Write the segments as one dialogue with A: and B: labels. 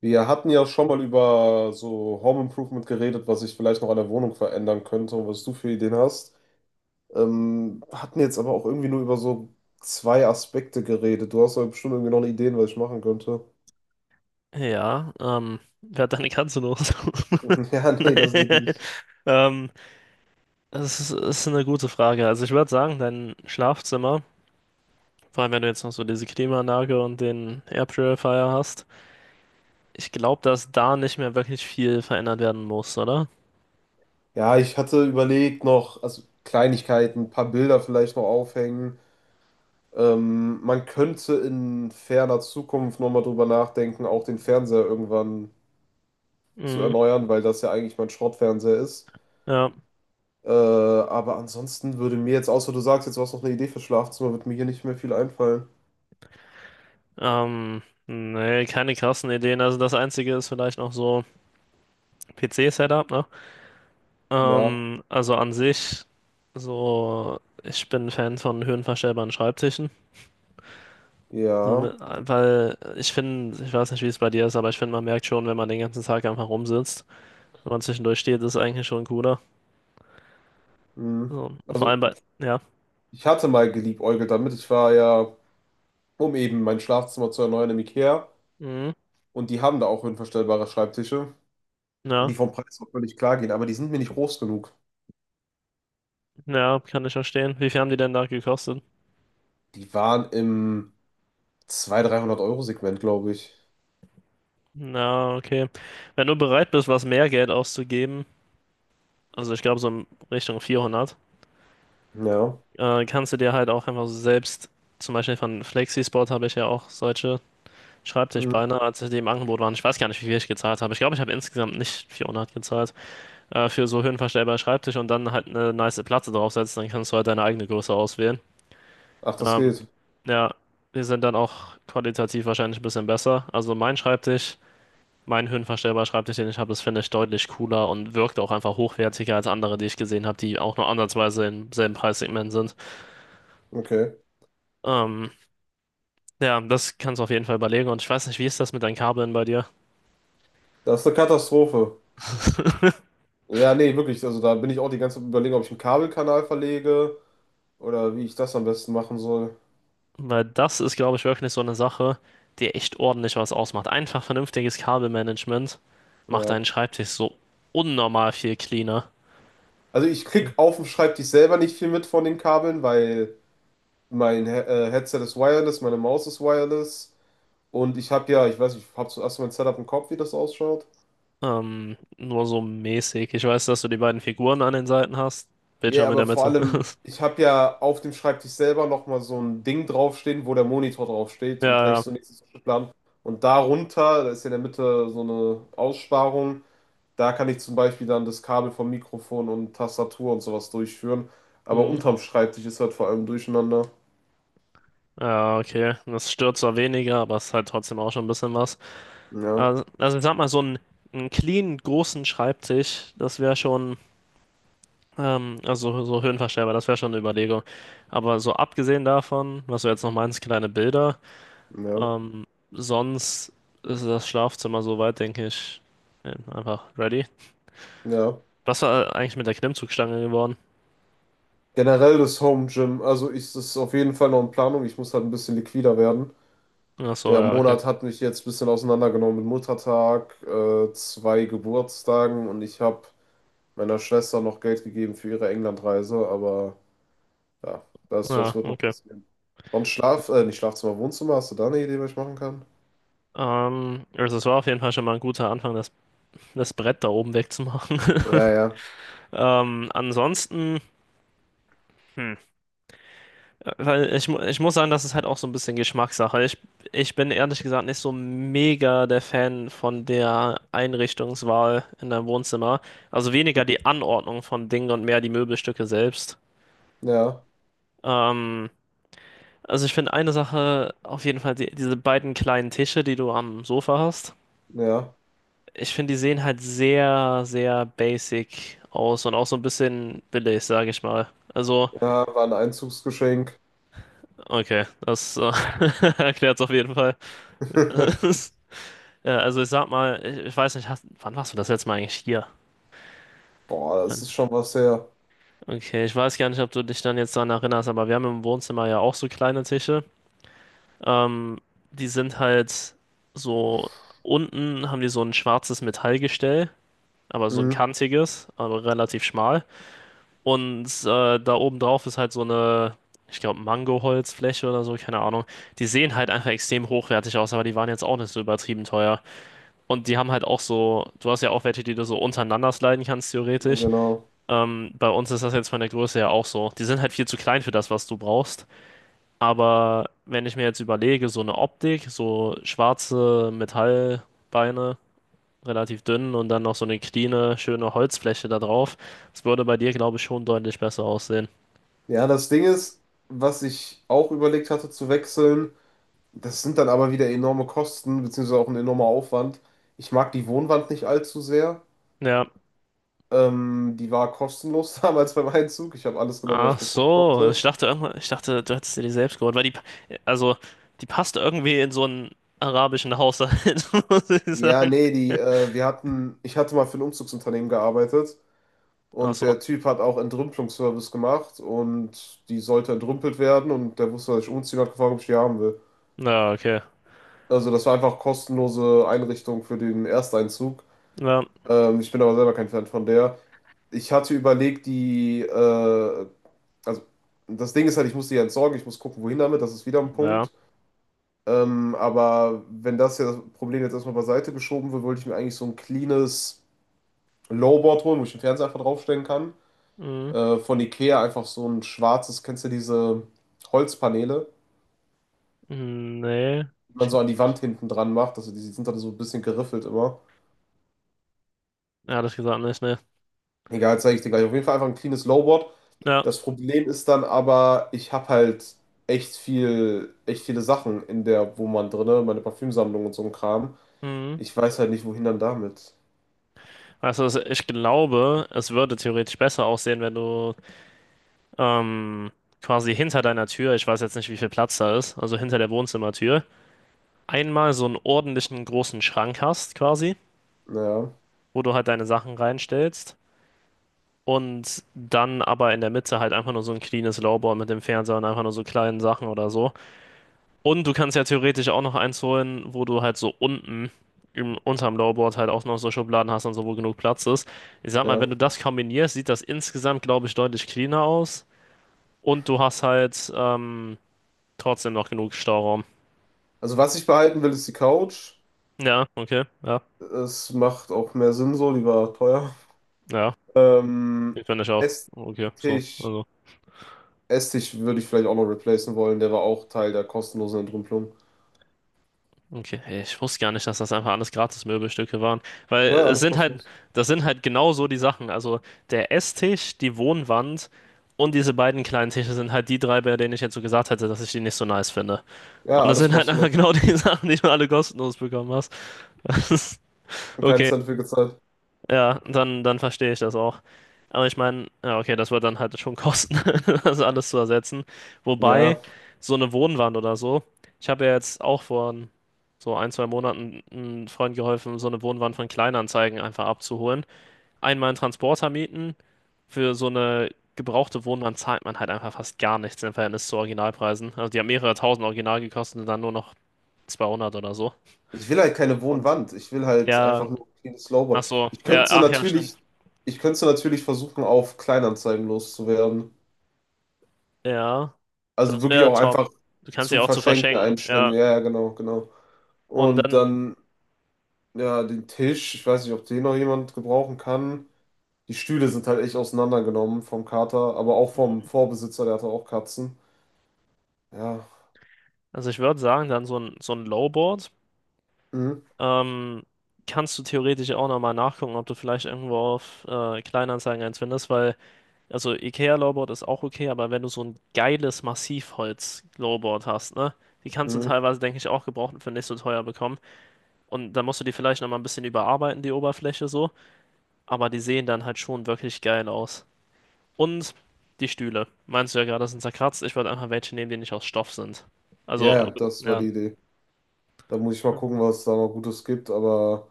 A: Wir hatten ja schon mal über so Home Improvement geredet, was ich vielleicht noch an der Wohnung verändern könnte und was du für Ideen hast. Hatten jetzt aber auch irgendwie nur über so zwei Aspekte geredet. Du hast aber bestimmt irgendwie noch eine Ideen, was ich machen könnte.
B: Ja, wer hat deine Katze noch?
A: Ja, nee, das geht
B: Nein.
A: nicht.
B: Ähm, Das ist eine gute Frage. Also ich würde sagen, dein Schlafzimmer, vor allem wenn du jetzt noch so diese Klimaanlage und den Air Purifier hast, ich glaube, dass da nicht mehr wirklich viel verändert werden muss, oder?
A: Ja, ich hatte überlegt noch, also Kleinigkeiten, ein paar Bilder vielleicht noch aufhängen. Man könnte in ferner Zukunft nochmal drüber nachdenken, auch den Fernseher irgendwann zu
B: Mhm.
A: erneuern, weil das ja eigentlich mein Schrottfernseher ist.
B: Ja.
A: Aber ansonsten würde mir jetzt, außer du sagst, jetzt warst du noch eine Idee fürs Schlafzimmer, wird mir hier nicht mehr viel einfallen.
B: Nee, keine krassen Ideen. Also das Einzige ist vielleicht noch so PC-Setup, ne?
A: Ja,
B: Also an sich, so, ich bin Fan von höhenverstellbaren Schreibtischen.
A: ja.
B: Sondern, weil ich finde, ich weiß nicht, wie es bei dir ist, aber ich finde, man merkt schon, wenn man den ganzen Tag einfach rumsitzt, wenn man zwischendurch steht, ist es eigentlich schon cooler.
A: Hm.
B: So, vor allem
A: Also,
B: bei, ja,
A: ich hatte mal geliebäugelt damit. Um eben mein Schlafzimmer zu erneuern im IKEA.
B: mhm.
A: Und die haben da auch höhenverstellbare Schreibtische, die
B: Ja,
A: vom Preis auch völlig klar gehen, aber die sind mir nicht groß genug.
B: ja, kann ich verstehen. Wie viel haben die denn da gekostet?
A: Die waren im 200 300 Euro segment, glaube ich.
B: Na, okay. Wenn du bereit bist, was mehr Geld auszugeben, also ich glaube so in Richtung 400,
A: Ja.
B: kannst du dir halt auch einfach so selbst, zum Beispiel von Flexisport habe ich ja auch solche
A: Hm.
B: Schreibtischbeine, als die im Angebot waren. Ich weiß gar nicht, wie viel ich gezahlt habe. Ich glaube, ich habe insgesamt nicht 400 gezahlt. Für so höhenverstellbaren Schreibtisch und dann halt eine nice Platte draufsetzen, dann kannst du halt deine eigene Größe auswählen.
A: Ach, das
B: Ähm,
A: geht.
B: ja, die sind dann auch qualitativ wahrscheinlich ein bisschen besser. Also mein Schreibtisch, mein höhenverstellbarer Schreibtisch, den ich habe, das finde ich deutlich cooler und wirkt auch einfach hochwertiger als andere, die ich gesehen habe, die auch nur andersweise im selben Preissegment sind.
A: Okay.
B: Ähm, ja, das kannst du auf jeden Fall überlegen und ich weiß nicht, wie ist das mit deinen Kabeln bei dir?
A: Das ist eine Katastrophe. Ja, nee, wirklich. Also, da bin ich auch die ganze Zeit am Überlegen, ob ich einen Kabelkanal verlege. Oder wie ich das am besten machen soll.
B: Weil das ist, glaube ich, wirklich so eine Sache, die echt ordentlich was ausmacht. Einfach vernünftiges Kabelmanagement macht deinen
A: Ja.
B: Schreibtisch so unnormal viel cleaner.
A: Also ich krieg auf dem Schreibtisch selber nicht viel mit von den Kabeln, weil mein He Headset ist wireless, meine Maus ist wireless und ich habe ja, ich weiß nicht, ich habe zuerst mein Setup im Kopf, wie das ausschaut.
B: Nur so mäßig. Ich weiß, dass du die beiden Figuren an den Seiten hast.
A: Ja,
B: Bildschirm in der
A: aber vor
B: Mitte.
A: allem, ich habe ja auf dem Schreibtisch selber nochmal so ein Ding draufstehen, wo der Monitor draufsteht
B: Ja,
A: und
B: ja.
A: rechts und links ist der Plan. Und darunter, da ist ja in der Mitte so eine Aussparung. Da kann ich zum Beispiel dann das Kabel vom Mikrofon und Tastatur und sowas durchführen. Aber
B: Hm.
A: unterm Schreibtisch ist halt vor allem durcheinander.
B: Ja, okay. Das stört zwar weniger, aber es ist halt trotzdem auch schon ein bisschen was.
A: Ja,
B: Also ich sag mal, so einen clean, großen Schreibtisch, das wäre schon. Also so höhenverstellbar, das wäre schon eine Überlegung. Aber so abgesehen davon, was du jetzt noch meinst, kleine Bilder,
A: ja,
B: ähm, sonst ist das Schlafzimmer soweit, denke ich, einfach ready.
A: ja.
B: Was war eigentlich mit der Klimmzugstange geworden?
A: Generell das Home Gym, also ist es auf jeden Fall noch in Planung. Ich muss halt ein bisschen liquider werden.
B: Ach so,
A: Der
B: ja, okay.
A: Monat hat mich jetzt ein bisschen auseinandergenommen mit Muttertag, zwei Geburtstagen, und ich habe meiner Schwester noch Geld gegeben für ihre Englandreise, aber ja, das
B: Ja,
A: wird noch
B: okay.
A: passieren. Sonst nicht Schlafzimmer, Wohnzimmer, hast du da eine Idee, was ich machen kann?
B: Also es war auf jeden Fall schon mal ein guter Anfang, das Brett da oben wegzumachen.
A: Ja, ja,
B: Ansonsten. Hm. Ich muss sagen, das ist halt auch so ein bisschen Geschmackssache. Ich bin ehrlich gesagt nicht so mega der Fan von der Einrichtungswahl in deinem Wohnzimmer. Also weniger die Anordnung von Dingen und mehr die Möbelstücke selbst.
A: ja.
B: Ähm, also ich finde eine Sache auf jeden Fall, diese beiden kleinen Tische, die du am Sofa hast.
A: Ja,
B: Ich finde, die sehen halt sehr, sehr basic aus und auch so ein bisschen billig, sage ich mal. Also,
A: ja, war ein Einzugsgeschenk.
B: okay, das erklärt es auf jeden Fall. Ja, also ich sag mal, ich weiß nicht, hast, wann warst du das letzte Mal eigentlich hier?
A: Boah, das
B: Dann-
A: ist schon was her.
B: Okay, ich weiß gar nicht, ob du dich dann jetzt daran erinnerst, aber wir haben im Wohnzimmer ja auch so kleine Tische. Ähm, Die sind halt so, unten haben die so ein schwarzes Metallgestell, aber so ein
A: Mhm,
B: kantiges, aber relativ schmal. Und da oben drauf ist halt so eine, ich glaube, Mangoholzfläche oder so, keine Ahnung. Die sehen halt einfach extrem hochwertig aus, aber die waren jetzt auch nicht so übertrieben teuer. Und die haben halt auch so, du hast ja auch welche, die du so untereinander sliden kannst, theoretisch.
A: genau.
B: Bei uns ist das jetzt von der Größe her auch so. Die sind halt viel zu klein für das, was du brauchst. Aber wenn ich mir jetzt überlege, so eine Optik, so schwarze Metallbeine, relativ dünn und dann noch so eine cleane, schöne Holzfläche da drauf, das würde bei dir, glaube ich, schon deutlich besser aussehen.
A: Ja, das Ding ist, was ich auch überlegt hatte zu wechseln, das sind dann aber wieder enorme Kosten, beziehungsweise auch ein enormer Aufwand. Ich mag die Wohnwand nicht allzu sehr.
B: Ja.
A: Die war kostenlos damals beim Einzug. Ich habe alles genommen, was
B: Ach
A: ich bekommen
B: so,
A: konnte.
B: ich dachte, du hättest dir die selbst geholt, weil die, also, die passt irgendwie in so ein arabischen Haushalt, muss ich
A: Ja,
B: sagen.
A: nee, ich hatte mal für ein Umzugsunternehmen gearbeitet.
B: Ach
A: Und
B: so.
A: der Typ hat auch Entrümpelungsservice gemacht und die sollte entrümpelt werden und der wusste, dass ich umziehen hat gefragt, ob ich die haben will.
B: Ja, okay.
A: Also das war einfach kostenlose Einrichtung für den Ersteinzug.
B: Ja,
A: Ich bin aber selber kein Fan von der. Ich hatte überlegt, die, also das Ding ist halt, ich muss die ja entsorgen, ich muss gucken, wohin damit, das ist wieder ein
B: ja.
A: Punkt. Aber wenn das ja das Problem jetzt erstmal beiseite geschoben wird, wollte ich mir eigentlich so ein cleanes Lowboard holen, wo ich den Fernseher einfach draufstellen kann.
B: Mhm.
A: Von Ikea einfach so ein schwarzes, kennst du diese Holzpaneele,
B: Nee.
A: die man
B: Ich,
A: so an die Wand hinten dran macht, also die sind dann so ein bisschen geriffelt immer.
B: ja, das gesagt nicht, ne.
A: Egal, zeige ich dir gleich. Auf jeden Fall einfach ein cleanes Lowboard.
B: Ja.
A: Das Problem ist dann aber, ich habe halt echt viele Sachen in der Wohnwand drinne, meine Parfümsammlung und so ein Kram.
B: Mhm.
A: Ich weiß halt nicht, wohin dann damit.
B: Ich glaube, es würde theoretisch besser aussehen, wenn du ähm, quasi hinter deiner Tür, ich weiß jetzt nicht, wie viel Platz da ist, also hinter der Wohnzimmertür, einmal so einen ordentlichen großen Schrank hast, quasi,
A: Naja,
B: wo du halt deine Sachen reinstellst. Und dann aber in der Mitte halt einfach nur so ein cleanes Lowboy mit dem Fernseher und einfach nur so kleinen Sachen oder so. Und du kannst ja theoretisch auch noch eins holen, wo du halt so unten unterm Lowerboard halt auch noch so Schubladen hast und so, wo genug Platz ist. Ich sag mal,
A: ja.
B: wenn du das kombinierst, sieht das insgesamt, glaube ich, deutlich cleaner aus. Und du hast halt trotzdem noch genug Stauraum.
A: Also was ich behalten will, ist die Couch.
B: Ja, okay, ja,
A: Es macht auch mehr Sinn so, die war teuer.
B: ja.
A: Ähm,
B: Ich finde ich auch. Okay, so,
A: Esstisch,
B: also.
A: Essig würde ich vielleicht auch noch replacen wollen. Der war auch Teil der kostenlosen Entrümpelung.
B: Okay, hey, ich wusste gar nicht, dass das einfach alles Gratis-Möbelstücke waren. Weil
A: Ja,
B: es
A: alles
B: sind halt,
A: kostenlos.
B: das sind halt genau so die Sachen. Also der Esstisch, die Wohnwand und diese beiden kleinen Tische sind halt die drei, bei denen ich jetzt so gesagt hätte, dass ich die nicht so nice finde. Und
A: Ja,
B: das
A: alles
B: sind halt einfach
A: kostenlos.
B: genau die Sachen, die du alle kostenlos bekommen hast.
A: Und keinen
B: Okay,
A: Cent für gezahlt.
B: ja, dann verstehe ich das auch. Aber ich meine, ja, okay, das wird dann halt schon kosten, das alles zu ersetzen. Wobei,
A: Ja,
B: so eine Wohnwand oder so, ich habe ja jetzt auch vor so ein, zwei Monaten einem Freund geholfen, so eine Wohnwand von Kleinanzeigen einfach abzuholen. Einmal einen Transporter mieten, für so eine gebrauchte Wohnwand zahlt man halt einfach fast gar nichts im Verhältnis zu Originalpreisen. Also die haben mehrere tausend original gekostet und dann nur noch 200 oder so.
A: ich will halt keine
B: Und
A: Wohnwand. Ich will halt
B: ja,
A: einfach nur ein cleanes
B: ach
A: Slowboard.
B: so, ja, ach ja, stimmt.
A: Ich könnte natürlich versuchen, auf Kleinanzeigen loszuwerden.
B: Ja,
A: Also
B: das
A: wirklich
B: wäre
A: auch
B: top.
A: einfach
B: Du kannst sie
A: zu
B: auch zu
A: verschenken,
B: verschenken,
A: einstecken.
B: ja.
A: Ja, ja, genau, genau.
B: Und
A: Und
B: dann,
A: dann, ja, den Tisch. Ich weiß nicht, ob den noch jemand gebrauchen kann. Die Stühle sind halt echt auseinandergenommen vom Kater, aber auch vom
B: mhm.
A: Vorbesitzer, der hatte auch Katzen. Ja,
B: Also ich würde sagen, dann so ein Lowboard.
A: mhm.
B: Ähm, Kannst du theoretisch auch nochmal nachgucken, ob du vielleicht irgendwo auf Kleinanzeigen eins findest, weil, also IKEA-Lowboard ist auch okay, aber wenn du so ein geiles Massivholz-Lowboard hast, ne? Die kannst du
A: Mhm.
B: teilweise, denke ich, auch gebraucht für nicht so teuer bekommen. Und dann musst du die vielleicht nochmal ein bisschen überarbeiten, die Oberfläche so. Aber die sehen dann halt schon wirklich geil aus. Und die Stühle. Meinst du ja gerade, sind zerkratzt. Ich würde einfach welche nehmen, die nicht aus Stoff sind.
A: Ja, ja,
B: Also,
A: das war
B: ja.
A: die Idee. Da muss ich mal gucken, was es da mal Gutes gibt, aber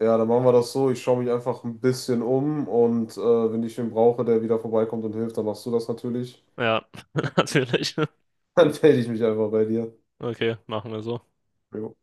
A: ja, dann machen wir das so. Ich schaue mich einfach ein bisschen um und wenn ich wen brauche, der wieder vorbeikommt und hilft, dann machst du das natürlich.
B: Ja, natürlich.
A: Dann melde ich mich einfach bei dir.
B: Okay, machen wir so.
A: Jo.